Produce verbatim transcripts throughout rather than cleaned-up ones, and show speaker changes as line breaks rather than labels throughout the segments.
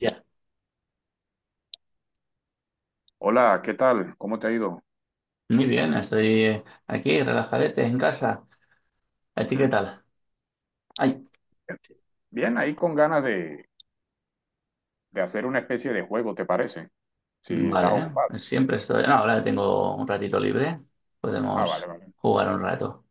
Ya,
Hola, ¿qué tal? ¿Cómo te ha ido?
muy bien, estoy eh, aquí relajadete en casa. ¿A ti qué
Hmm,
tal? Ay,
eh, bien, ahí con ganas de, de hacer una especie de juego, ¿te parece? Si
vale,
estás
¿eh?
ocupado.
Siempre estoy. No, ahora tengo un ratito libre,
Ah, vale,
podemos
vale.
jugar un rato.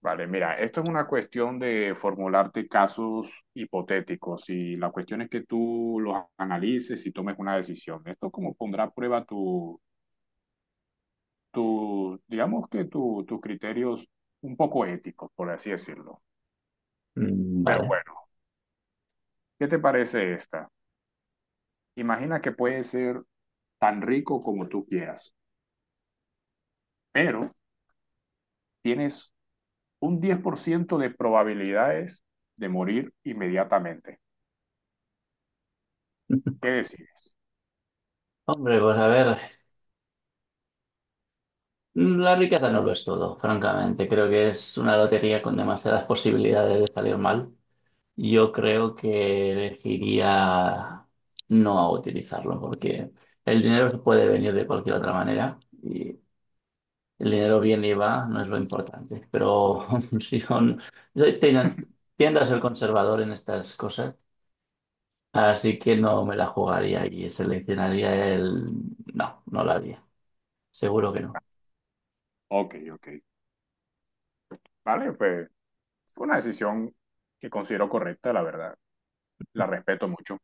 Vale, mira, esto es una cuestión de formularte casos hipotéticos y la cuestión es que tú los analices y tomes una decisión. Esto como pondrá a prueba tu, tu digamos que tu, tus criterios un poco éticos, por así decirlo.
Mm,
Pero
vale.
bueno, ¿qué te parece esta? Imagina que puedes ser tan rico como tú quieras, pero tienes un diez por ciento de probabilidades de morir inmediatamente. ¿Qué decides?
Hombre, pues a ver, mm, la riqueza no lo es todo, francamente. Creo que es una lotería con demasiadas posibilidades de salir mal. Yo creo que elegiría no utilizarlo, porque el dinero se puede venir de cualquier otra manera. El dinero viene y va, no es lo importante. Pero si yo, no- yo ten- tiendo a ser conservador en estas cosas, así que no me la jugaría y seleccionaría el... No, no la haría. Seguro que no.
Ok, ok. Vale, pues fue una decisión que considero correcta, la verdad. La respeto mucho.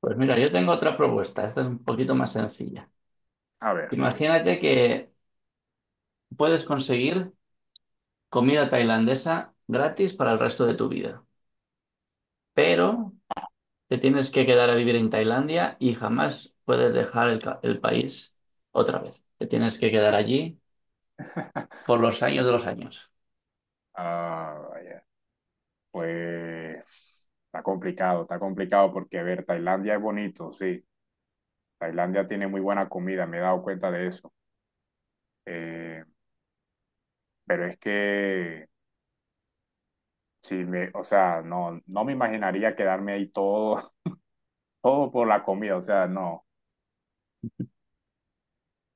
Pues mira, yo tengo otra propuesta. Esta es un poquito más sencilla.
A ver,
Imagínate que puedes conseguir comida tailandesa gratis para el resto de tu vida, pero te tienes que quedar a vivir en Tailandia y jamás puedes dejar el, ca- el país otra vez. Te tienes que quedar allí por los años de los años.
ah, vaya, pues está complicado, está complicado porque, a ver, Tailandia es bonito, sí. Tailandia tiene muy buena comida, me he dado cuenta de eso. Eh, pero es que, si me, o sea, no, no me imaginaría quedarme ahí todo, todo por la comida, o sea, no.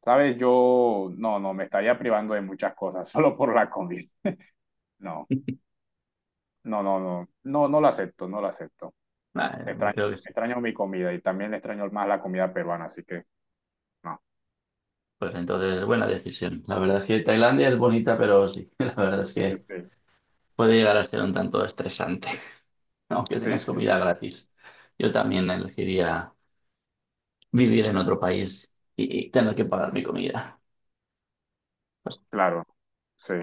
Sabes, yo no, no, me estaría privando de muchas cosas solo por la comida. No, no, no, no, no, no lo acepto, no lo acepto.
Nah, eh, me
Extraño,
creo que sí.
extraño mi comida y también extraño más la comida peruana, así que no.
Pues entonces, buena decisión. La verdad es que Tailandia es bonita, pero sí, la verdad es que
Este,
puede llegar a ser un tanto estresante, aunque
sí,
tengas
sí,
comida gratis. Yo también elegiría vivir en otro país y, y tener que pagar mi comida.
claro, sí.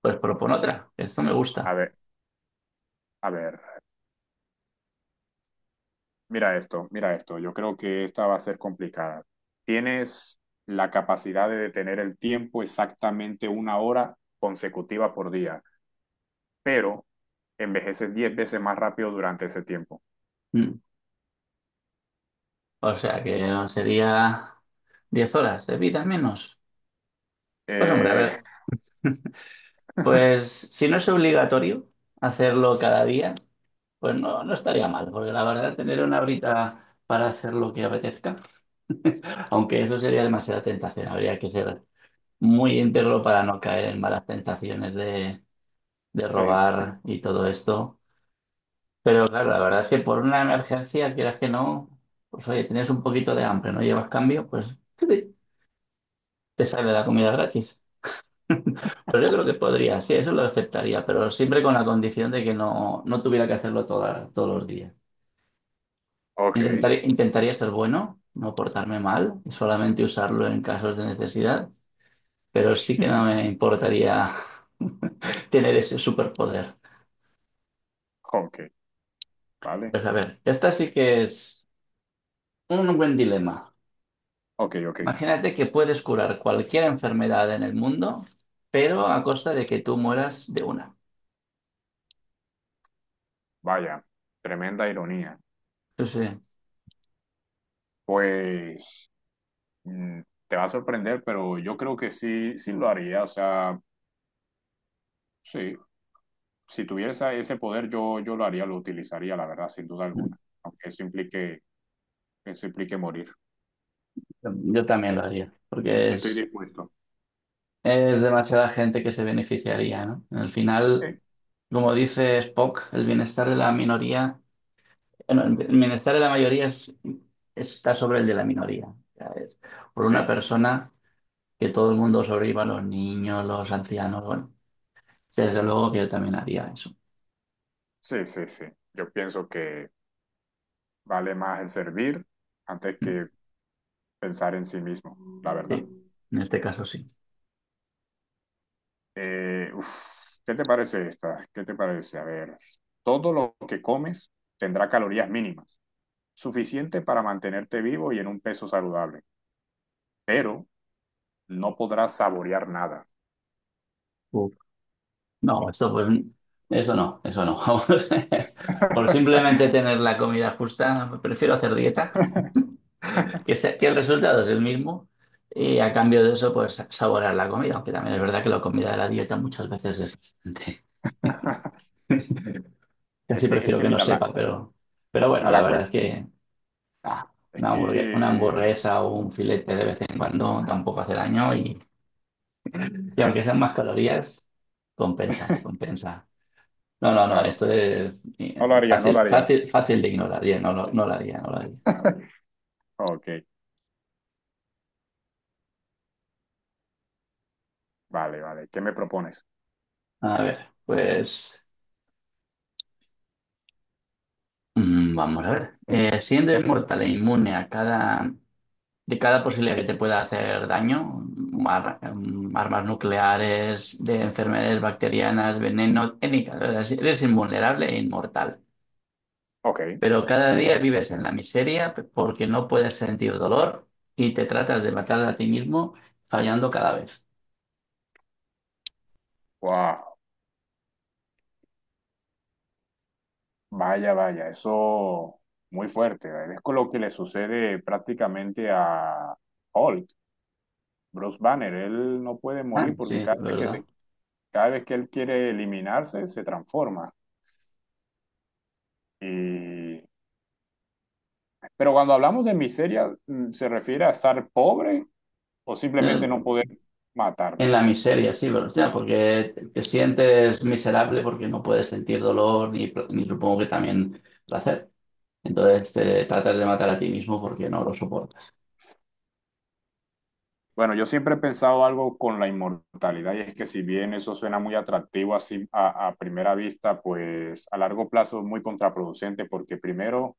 Pues propon otra, esto me
A
gusta.
ver, a ver, mira esto, mira esto. Yo creo que esta va a ser complicada. ¿Tienes la capacidad de detener el tiempo exactamente una hora consecutiva por día, pero envejeces diez veces más rápido durante ese tiempo?
Mm. O sea que sería diez horas de vida menos. Pues hombre, a
Eh,
ver, pues si no es obligatorio hacerlo cada día, pues no, no estaría mal, porque la verdad tener una horita para hacer lo que apetezca, aunque eso sería demasiada tentación, habría que ser muy íntegro para no caer en malas tentaciones de, de
Sí,
robar y todo esto. Pero claro, la verdad es que por una emergencia, quieras que no, pues oye, tienes un poquito de hambre, no llevas cambio, pues te te sale la comida gratis. Pues yo creo que podría, sí, eso lo aceptaría, pero siempre con la condición de que no, no tuviera que hacerlo toda- todos los días.
ok,
Intentaré- intentaría ser bueno, no portarme mal, y solamente usarlo en casos de necesidad, pero sí que no me importaría tener ese superpoder.
ok, vale,
Pues a ver, esta sí que es un buen dilema.
ok, ok,
Imagínate que puedes curar cualquier enfermedad en el mundo, pero a costa de que tú mueras de una.
vaya, tremenda ironía.
Sí, sí,
Pues mm, te va a sorprender, pero yo creo que sí, sí lo haría, o sea, sí, si tuviera ese poder yo, yo lo haría, lo utilizaría, la verdad, sin duda alguna, aunque eso implique, eso implique morir.
yo también lo
Eh,
haría, porque
Estoy
es,
dispuesto.
es demasiada gente que se beneficiaría, ¿no? Al final,
Sí,
como dice Spock, el bienestar de la minoría... Bueno, el bienestar de la mayoría es- está sobre el de la minoría, ya es... Por una
sí,
persona que todo el mundo sobreviva, los niños, los ancianos, bueno, desde luego que yo también haría eso.
sí, sí, sí. Yo pienso que vale más el servir antes
Mm,
que pensar en sí mismo, la verdad.
sí, en este caso sí.
Eh, uf, ¿qué te parece esta? ¿Qué te parece? A ver, todo lo que comes tendrá calorías mínimas, suficiente para mantenerte vivo y en un peso saludable, pero no podrás saborear nada.
Uf. No, esto pues, eso no, eso no. Vamos. Por simplemente tener la comida justa, prefiero hacer dieta, que, sea- que el resultado es el mismo y a cambio de eso, pues saborear la comida, aunque también es verdad que la comida de la dieta muchas veces es bastante.
Es
Casi
que, es
prefiero
que
que no
mira,
sepa,
la,
pero, pero bueno, la
la
verdad
cuestión
es que ah,
es
una hamburguesa, una
que.
hamburguesa o un filete de vez en cuando tampoco hace daño y, y
Sí,
aunque sean más calorías, compensa, compensa. No, no, no,
claro,
esto
claro.
es eh,
No lo harías, no lo
fácil,
harías.
fácil, fácil de ignorar, ya, no, lo- no lo haría, no lo haría.
Ok, vale, vale. ¿Qué me propones?
A ver, pues mm, vamos a ver. Eh, siendo inmortal e inmune a cada de cada posibilidad que te pueda hacer daño, ar- em, armas nucleares, de enfermedades bacterianas, veneno, técnicas, eres... Si eres invulnerable e inmortal.
Ok.
Pero cada día vives en la miseria porque no puedes sentir dolor y te tratas de matar a ti mismo fallando cada vez.
Wow. Vaya, vaya, eso muy fuerte. Es con lo que le sucede prácticamente a Hulk, Bruce Banner. Él no puede
Ah,
morir
sí,
porque
de
cada vez que,
verdad.
se- cada vez que él quiere eliminarse, se transforma. Y. Pero cuando hablamos de miseria, mm, ¿se refiere a estar pobre o
Eh,
simplemente no poder
En
matarme?
la miseria, sí, pero hostia, porque te te sientes miserable porque no puedes sentir dolor ni, pl- ni supongo que también placer. Entonces te tratas de matar a ti mismo porque no lo soportas.
Bueno, yo siempre he pensado algo con la inmortalidad y es que si bien eso suena muy atractivo así a, a, primera vista, pues a largo plazo es muy contraproducente porque primero,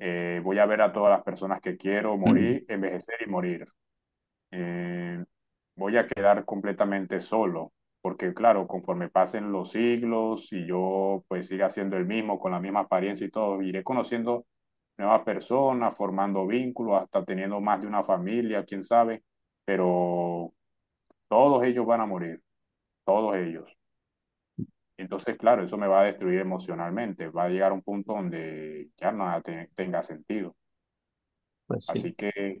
Eh, voy a ver a todas las personas que quiero
Mm,
morir, envejecer y morir. Eh, voy a quedar completamente solo, porque claro, conforme pasen los siglos y yo pues siga siendo el mismo, con la misma apariencia y todo, iré conociendo nuevas personas, formando vínculos, hasta teniendo más de una familia, quién sabe, pero todos ellos van a morir, todos ellos. Entonces, claro, eso me va a destruir emocionalmente, va a llegar a un punto donde ya nada te- tenga sentido.
pues sí.
Así que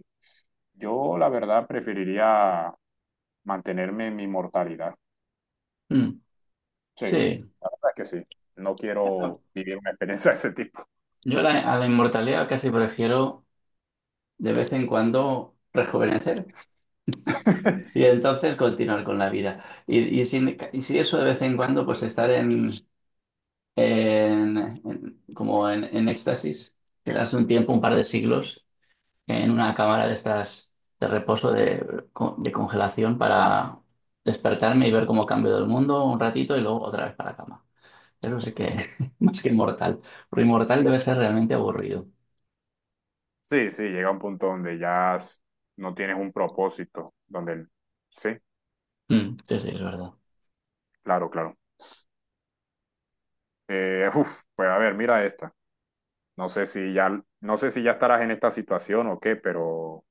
yo, la verdad, preferiría mantenerme en mi mortalidad.
Mm,
Sí,
sí.
la verdad es que sí. No
Ah,
quiero vivir una experiencia de ese tipo.
Yo la- a la inmortalidad casi prefiero de vez en cuando rejuvenecer y entonces continuar con la vida. Y, y, si, y si eso de vez en cuando, pues estar en, en- en- como en, en éxtasis, quedarse un tiempo, un par de siglos, en una cámara de estas de reposo, de, con- de congelación para despertarme y ver cómo cambio el mundo un ratito y luego otra vez para la cama. Eso sí que más que inmortal. Pero inmortal debe ser realmente aburrido.
Sí, sí, llega un punto donde ya s- no tienes un propósito, donde... el- Sí,
Mm, sí, sí, es verdad.
claro, claro. Eh, uf, pues a ver, mira esta. No sé si ya, no sé si ya estarás en esta situación o qué, pero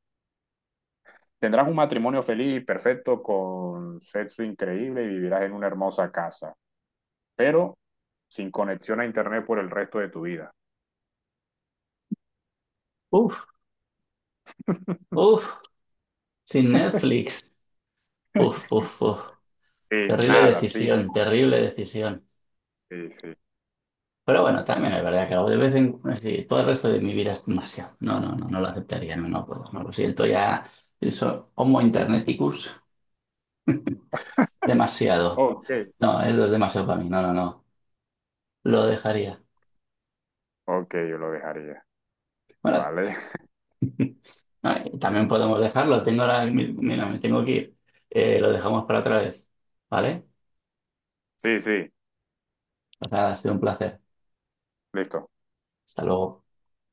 tendrás un matrimonio feliz y perfecto con sexo increíble y vivirás en una hermosa casa, pero sin conexión a internet por el resto de tu vida.
Uf, uf, sin Netflix. Uf, uf, uf.
Sí,
Terrible
nada, sí,
decisión, terrible decisión.
sí, sí.
Pero bueno, también es verdad que de vez en cuando, sí, todo el resto de mi vida es demasiado. No, no, no, no lo aceptaría, no, no puedo, no lo siento ya. Eso, Homo interneticus, demasiado.
Ok,
No, eso es demasiado para mí, no, no, no, lo dejaría.
ok, yo lo dejaría,
Bueno,
¿vale?
ah, y también podemos dejarlo, tengo ahora, mi- mira, me tengo que ir. Eh, lo dejamos para otra vez, ¿vale?
Sí, sí,
O sea, ha sido un placer.
listo.
Hasta luego.